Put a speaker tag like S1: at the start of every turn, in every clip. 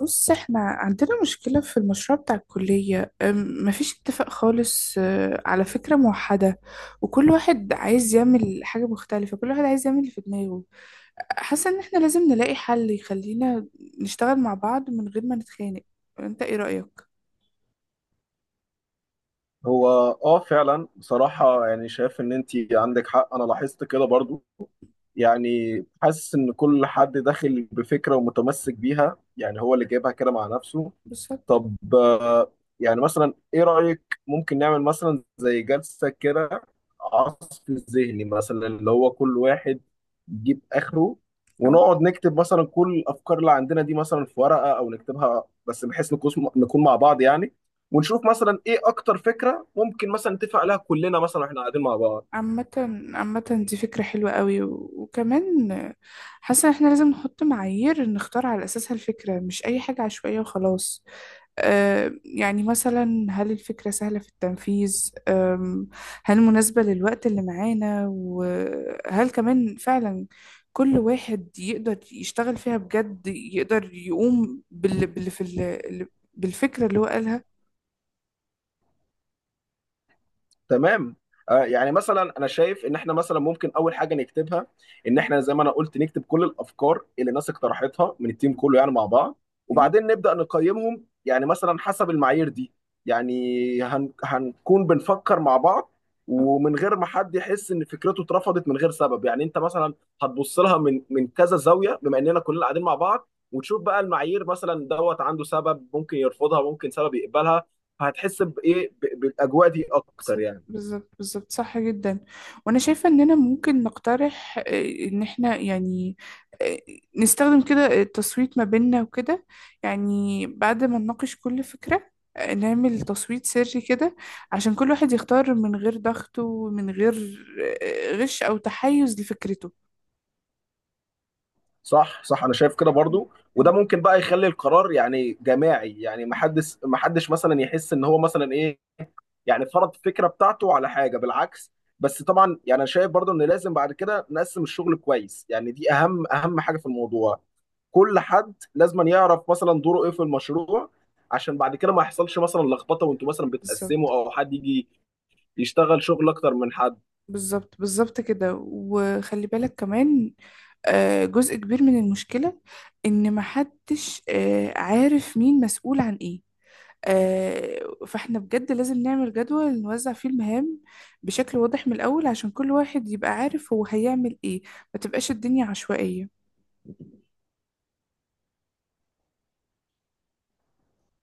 S1: بص، احنا عندنا مشكلة في المشروع بتاع الكلية. مفيش اتفاق خالص على فكرة موحدة، وكل واحد عايز يعمل حاجة مختلفة، كل واحد عايز يعمل اللي في دماغه. حاسة ان احنا لازم نلاقي حل يخلينا نشتغل مع بعض من غير ما نتخانق. انت ايه رأيك؟
S2: هو اه فعلا بصراحة، يعني شايف ان انت عندك حق، انا لاحظت كده برضو. يعني حاسس ان كل حد داخل بفكرة ومتمسك بيها، يعني هو اللي جايبها كده مع نفسه.
S1: بالظبط.
S2: طب يعني مثلا ايه رأيك؟ ممكن نعمل مثلا زي جلسة كده عصف ذهني، مثلا اللي هو كل واحد يجيب اخره،
S1: اه.
S2: ونقعد نكتب مثلا كل الافكار اللي عندنا دي مثلا في ورقة او نكتبها، بس بحيث نكون مع بعض يعني. ونشوف مثلا ايه اكتر فكرة ممكن مثلا نتفق عليها كلنا مثلا واحنا قاعدين مع بعض.
S1: عامة، عامة، دي فكرة حلوة قوي، وكمان حاسة ان احنا لازم نحط معايير نختار على اساسها الفكرة، مش اي حاجة عشوائية وخلاص. يعني مثلا هل الفكرة سهلة في التنفيذ؟ هل مناسبة للوقت اللي معانا؟ وهل كمان فعلا كل واحد يقدر يشتغل فيها بجد، يقدر يقوم بالفكرة اللي هو قالها.
S2: تمام. يعني مثلا انا شايف ان احنا مثلا ممكن اول حاجه نكتبها ان احنا زي ما انا قلت نكتب كل الافكار اللي الناس اقترحتها من التيم كله يعني مع بعض،
S1: أيوه.
S2: وبعدين نبدا نقيمهم يعني مثلا حسب المعايير دي. يعني هنكون بنفكر مع بعض،
S1: آه.
S2: ومن غير ما حد يحس ان فكرته اترفضت من غير سبب. يعني انت مثلا هتبص لها من كذا زاويه بما اننا كلنا قاعدين مع بعض، وتشوف بقى المعايير مثلا دوت، عنده سبب ممكن يرفضها، ممكن سبب يقبلها، فهتحس بايه بالاجواء دي اكتر
S1: بالظبط،
S2: يعني.
S1: بالظبط، بالظبط، صح جدا. وانا شايفة اننا ممكن نقترح، ان احنا يعني آه، نستخدم كده التصويت ما بيننا وكده. يعني بعد ما نناقش كل فكرة، نعمل تصويت سري كده عشان كل واحد يختار من غير ضغط ومن غير غش او تحيز لفكرته.
S2: صح، انا شايف كده
S1: م-
S2: برضو. وده
S1: م.
S2: ممكن بقى يخلي القرار يعني جماعي، يعني ما حدش مثلا يحس ان هو مثلا ايه، يعني فرض فكره بتاعته على حاجه، بالعكس. بس طبعا يعني انا شايف برضو ان لازم بعد كده نقسم الشغل كويس، يعني دي اهم حاجه في الموضوع. كل حد لازم يعرف مثلا دوره ايه في المشروع، عشان بعد كده ما يحصلش مثلا لخبطه وانتوا مثلا
S1: بالظبط،
S2: بتقسموا، او حد يجي يشتغل شغل اكتر من حد.
S1: بالظبط، بالظبط كده. وخلي بالك كمان، جزء كبير من المشكلة إن محدش عارف مين مسؤول عن إيه. آه، فإحنا بجد لازم نعمل جدول نوزع فيه المهام بشكل واضح من الأول، عشان كل واحد يبقى عارف هو هيعمل إيه، ما تبقاش الدنيا عشوائية.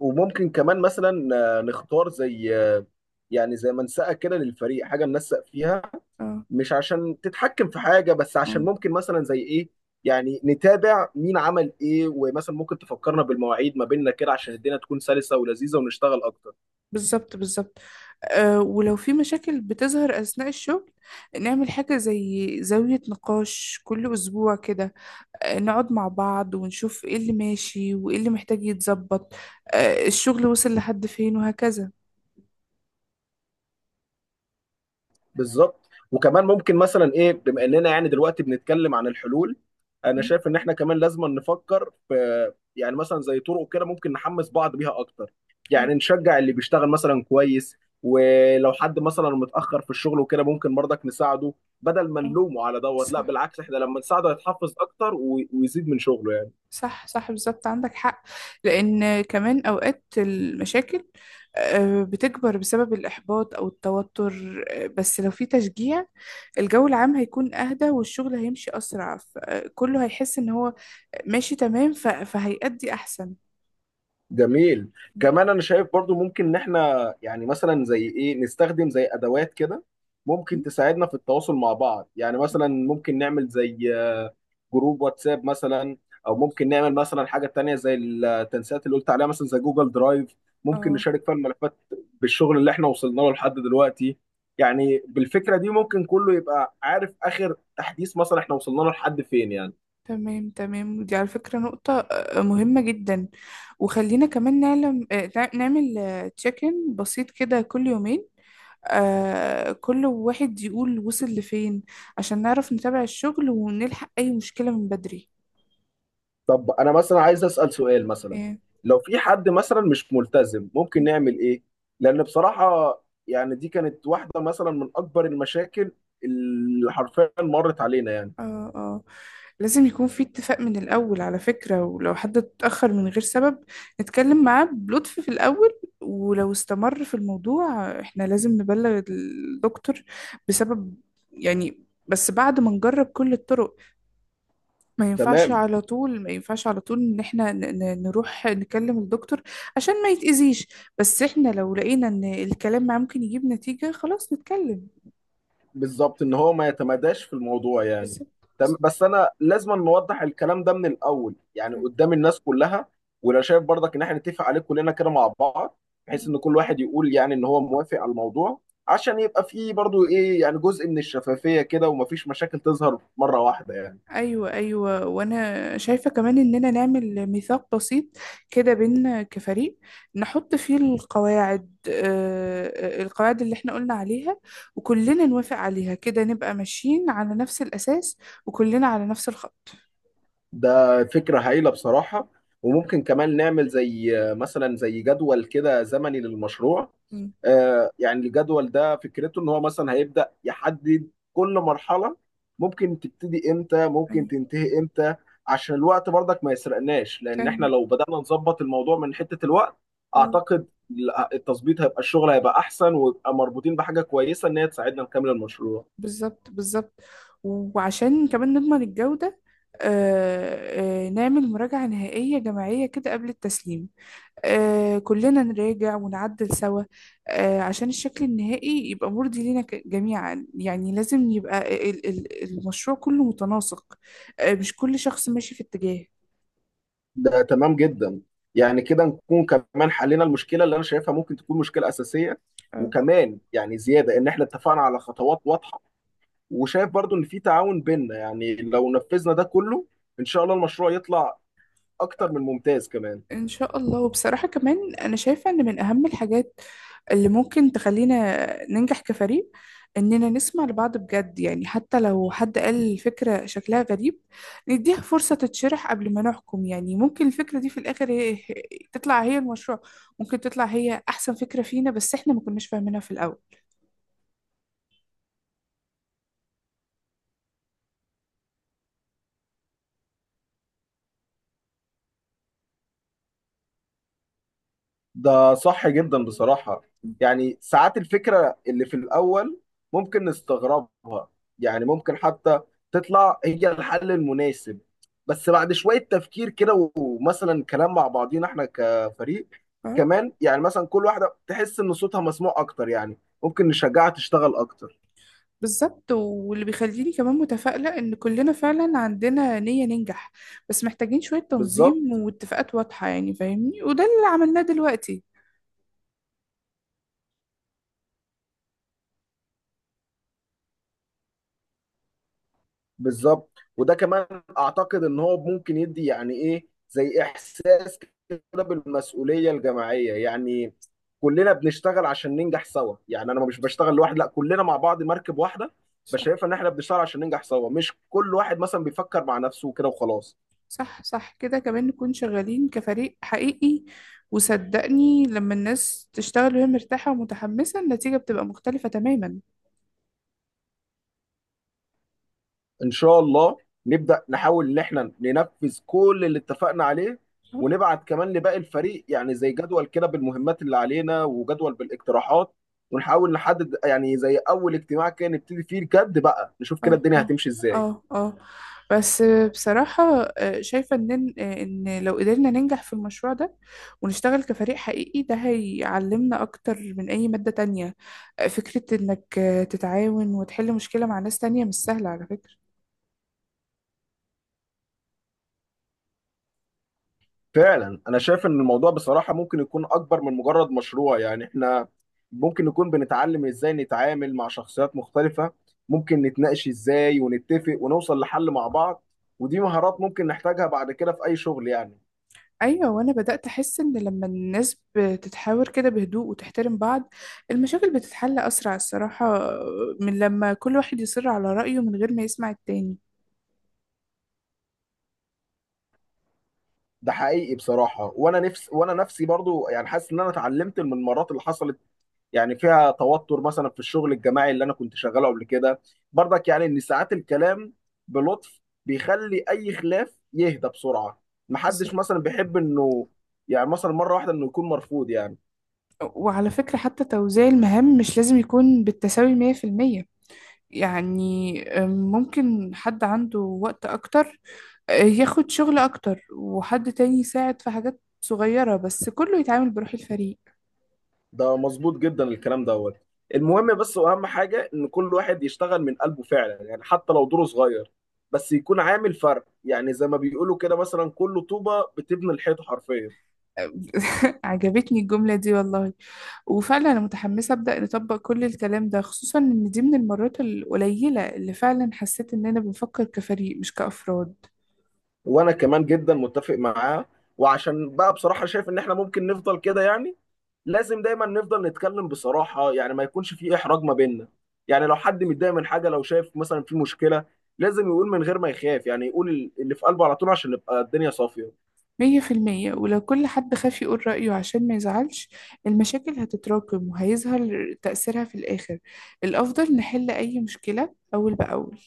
S2: وممكن كمان مثلا نختار زي يعني زي منسأة كده للفريق، حاجة ننسق فيها،
S1: اه،
S2: مش عشان تتحكم في حاجة، بس عشان
S1: اه.
S2: ممكن مثلا زي ايه، يعني نتابع مين عمل ايه، ومثلا ممكن تفكرنا بالمواعيد ما بيننا كده عشان الدنيا تكون سلسة ولذيذة ونشتغل اكتر.
S1: بالظبط، بالظبط. ولو في مشاكل بتظهر أثناء الشغل، نعمل حاجة زي زاوية نقاش كل أسبوع كده، نقعد مع بعض ونشوف ايه اللي ماشي وايه اللي محتاج يتظبط، الشغل وصل لحد فين وهكذا.
S2: بالظبط. وكمان ممكن مثلا ايه، بما اننا يعني دلوقتي بنتكلم عن الحلول، انا
S1: م-
S2: شايف ان احنا كمان لازم نفكر في يعني مثلا زي طرق كده ممكن نحمس بعض بيها اكتر،
S1: م-
S2: يعني نشجع اللي بيشتغل مثلا كويس. ولو حد مثلا متاخر في الشغل وكده ممكن برضك نساعده، بدل ما
S1: م-
S2: نلومه على دوت، لا
S1: صح،
S2: بالعكس، احنا لما نساعده يتحفز اكتر ويزيد من شغله.
S1: صح، صح، بالظبط، عندك حق. لأن كمان أوقات المشاكل بتكبر بسبب الإحباط أو التوتر، بس لو في تشجيع الجو العام هيكون أهدى والشغل هيمشي أسرع. كله هيحس إن هو ماشي تمام، فهيأدي أحسن.
S2: جميل.
S1: م-
S2: كمان انا شايف برضو ممكن ان احنا يعني مثلا زي ايه نستخدم زي ادوات كده ممكن
S1: م-
S2: تساعدنا في التواصل مع بعض. يعني مثلا ممكن نعمل زي جروب واتساب مثلا، او ممكن نعمل مثلا حاجة تانية زي التنسيقات اللي قلت عليها مثلا زي جوجل درايف، ممكن
S1: اه،
S2: نشارك فيها الملفات بالشغل اللي احنا وصلنا له لحد دلوقتي. يعني بالفكرة دي ممكن كله يبقى عارف اخر تحديث مثلا احنا وصلنا له لحد فين يعني.
S1: تمام، تمام. ودي على فكرة نقطة مهمة جدا. وخلينا كمان نعلم، نعمل تشيك ان بسيط كده كل يومين، كل واحد يقول وصل لفين عشان نعرف نتابع الشغل ونلحق أي مشكلة من بدري.
S2: طب انا مثلا عايز اسال سؤال مثلا،
S1: إيه.
S2: لو في حد مثلا مش ملتزم ممكن نعمل ايه؟ لان بصراحه يعني دي كانت واحده مثلا من اكبر المشاكل اللي حرفيا مرت علينا يعني.
S1: اه، اه. لازم يكون في اتفاق من الأول على فكرة. ولو حد اتأخر من غير سبب، نتكلم معاه بلطف في الأول. ولو استمر في الموضوع، احنا لازم نبلغ الدكتور بسبب، يعني بس بعد ما نجرب كل الطرق. ما ينفعش
S2: تمام.
S1: على طول، ما ينفعش على طول ان احنا نروح نكلم الدكتور عشان ما يتأذيش. بس احنا لو لقينا ان الكلام معاه ممكن يجيب نتيجة، خلاص نتكلم.
S2: بالظبط، ان هو ما يتمداش في الموضوع يعني.
S1: بالظبط،
S2: تمام، بس انا لازم نوضح الكلام ده من الاول يعني
S1: بالظبط.
S2: قدام الناس كلها، ولو شايف برضك ان احنا نتفق عليه كلنا كده مع بعض، بحيث ان كل واحد يقول يعني ان هو موافق على الموضوع، عشان يبقى فيه برضو ايه يعني جزء من الشفافية كده، ومفيش مشاكل تظهر مرة واحدة يعني.
S1: ايوه، ايوه. وانا شايفه كمان اننا نعمل ميثاق بسيط كده بينا كفريق، نحط فيه القواعد اللي احنا قلنا عليها، وكلنا نوافق عليها، كده نبقى ماشيين على نفس الاساس، وكلنا على نفس الخط.
S2: ده فكرة هايلة بصراحة. وممكن كمان نعمل زي مثلا زي جدول كده زمني للمشروع.
S1: مم.
S2: يعني الجدول ده فكرته ان هو مثلا هيبدأ يحدد كل مرحلة، ممكن تبتدي امتى ممكن
S1: أيوة.
S2: تنتهي امتى، عشان الوقت برضك ما يسرقناش. لان احنا
S1: فاهم.
S2: لو بدأنا نظبط الموضوع من حتة الوقت،
S1: آه،
S2: اعتقد التظبيط هيبقى، الشغل هيبقى احسن، ويبقى مربوطين بحاجة كويسة ان هي تساعدنا نكمل المشروع.
S1: بالظبط، بالظبط. وعشان كمان نضمن الجوده، نعمل مراجعه نهائيه جماعيه كده قبل التسليم، كلنا نراجع ونعدل سوا، عشان الشكل النهائي يبقى مرضي لينا جميعا. يعني لازم يبقى المشروع كله متناسق، مش كل شخص ماشي في اتجاه.
S2: ده تمام جدا. يعني كده نكون كمان حلينا المشكله اللي انا شايفها ممكن تكون مشكله اساسيه.
S1: آه.
S2: وكمان يعني زياده ان احنا اتفقنا على خطوات واضحه، وشايف برضو ان في تعاون بيننا يعني. لو نفذنا ده كله، ان شاء الله المشروع يطلع اكتر من ممتاز كمان.
S1: إن شاء الله. وبصراحة كمان أنا شايفة إن من أهم الحاجات اللي ممكن تخلينا ننجح كفريق إننا نسمع لبعض بجد، يعني حتى لو حد قال الفكرة شكلها غريب، نديها فرصة تتشرح قبل ما نحكم. يعني ممكن الفكرة دي في الآخر هي تطلع هي المشروع، ممكن تطلع هي أحسن فكرة فينا بس إحنا ما كناش فاهمينها في الأول.
S2: ده صح جدا بصراحة. يعني ساعات الفكرة اللي في الأول ممكن نستغربها، يعني ممكن حتى تطلع هي الحل المناسب بس بعد شوية تفكير كده ومثلا كلام مع بعضينا احنا كفريق.
S1: اه.
S2: كمان يعني مثلا كل واحدة تحس إن صوتها مسموع أكتر، يعني ممكن نشجعها تشتغل أكتر.
S1: بالظبط. واللي بيخليني كمان متفائلة إن كلنا فعلا عندنا نية ننجح، بس محتاجين شوية
S2: بالظبط
S1: تنظيم واتفاقات واضحة يعني فاهمني، وده اللي عملناه دلوقتي.
S2: بالظبط. وده كمان اعتقد ان هو ممكن يدي يعني ايه زي احساس كده بالمسؤوليه الجماعيه يعني، كلنا بنشتغل عشان ننجح سوا، يعني انا مش بشتغل لوحدي، لا كلنا مع بعض مركب واحده.
S1: صح،
S2: بشايف ان احنا بنشتغل عشان ننجح سوا، مش كل واحد مثلا بيفكر مع نفسه كده وخلاص.
S1: صح، صح. كده كمان نكون شغالين كفريق حقيقي، وصدقني لما الناس تشتغل وهي مرتاحة ومتحمسة النتيجة بتبقى مختلفة تماما.
S2: ان شاء الله. نبدا نحاول ان احنا ننفذ كل اللي اتفقنا عليه،
S1: اه،
S2: ونبعت كمان لباقي الفريق يعني زي جدول كده بالمهمات اللي علينا وجدول بالاقتراحات. ونحاول نحدد يعني زي اول اجتماع كده نبتدي فيه الجد بقى، نشوف كده
S1: اه،
S2: الدنيا
S1: اه،
S2: هتمشي ازاي.
S1: اه، اه. بس بصراحة، شايفة ان لو قدرنا ننجح في المشروع ده ونشتغل كفريق حقيقي، ده هيعلمنا اكتر من اي مادة تانية. فكرة انك تتعاون وتحل مشكلة مع ناس تانية مش سهلة على فكرة.
S2: فعلا انا شايف ان الموضوع بصراحة ممكن يكون اكبر من مجرد مشروع. يعني احنا ممكن نكون بنتعلم ازاي نتعامل مع شخصيات مختلفة، ممكن نتناقش ازاي ونتفق ونوصل لحل مع بعض، ودي مهارات ممكن نحتاجها بعد كده في اي شغل يعني.
S1: ايوه. وانا بدات احس ان لما الناس بتتحاور كده بهدوء وتحترم بعض، المشاكل بتتحل اسرع الصراحه، من لما كل واحد يصر على رايه من غير ما يسمع التاني.
S2: ده حقيقي بصراحة. وانا نفسي برضو يعني حاسس ان انا اتعلمت من المرات اللي حصلت يعني فيها توتر مثلا في الشغل الجماعي اللي انا كنت شغاله قبل كده، برضك يعني ان ساعات الكلام بلطف بيخلي اي خلاف يهدى بسرعة. محدش
S1: بالظبط.
S2: مثلا بيحب انه يعني مثلا مرة واحدة انه يكون مرفوض يعني.
S1: وعلى فكره حتى توزيع المهام مش لازم يكون بالتساوي 100%. يعني ممكن حد عنده وقت اكتر ياخد شغل اكتر، وحد تاني يساعد في حاجات صغيره، بس كله يتعامل بروح الفريق.
S2: ده مظبوط جدا الكلام دوت. المهم بس واهم حاجه ان كل واحد يشتغل من قلبه فعلا، يعني حتى لو دوره صغير بس يكون عامل فرق، يعني زي ما بيقولوا كده مثلا كل طوبه بتبني الحيطه حرفيا.
S1: عجبتني الجملة دي والله. وفعلا أنا متحمسة أبدأ نطبق كل الكلام ده، خصوصا إن دي من المرات القليلة اللي فعلا حسيت إننا بنفكر كفريق مش كأفراد.
S2: وانا كمان جدا متفق معاه. وعشان بقى بصراحه شايف ان احنا ممكن نفضل كده يعني، لازم دايما نفضل نتكلم بصراحه يعني، ما يكونش في احراج ما بيننا. يعني لو حد متضايق من حاجه، لو شايف مثلا في مشكله، لازم يقول من غير ما يخاف، يعني يقول اللي في قلبه على طول عشان نبقى الدنيا صافيه.
S1: 100%. ولو كل حد خاف يقول رأيه عشان ما يزعلش، المشاكل هتتراكم وهيظهر تأثيرها في الآخر. الأفضل نحل أي مشكلة أول بأول.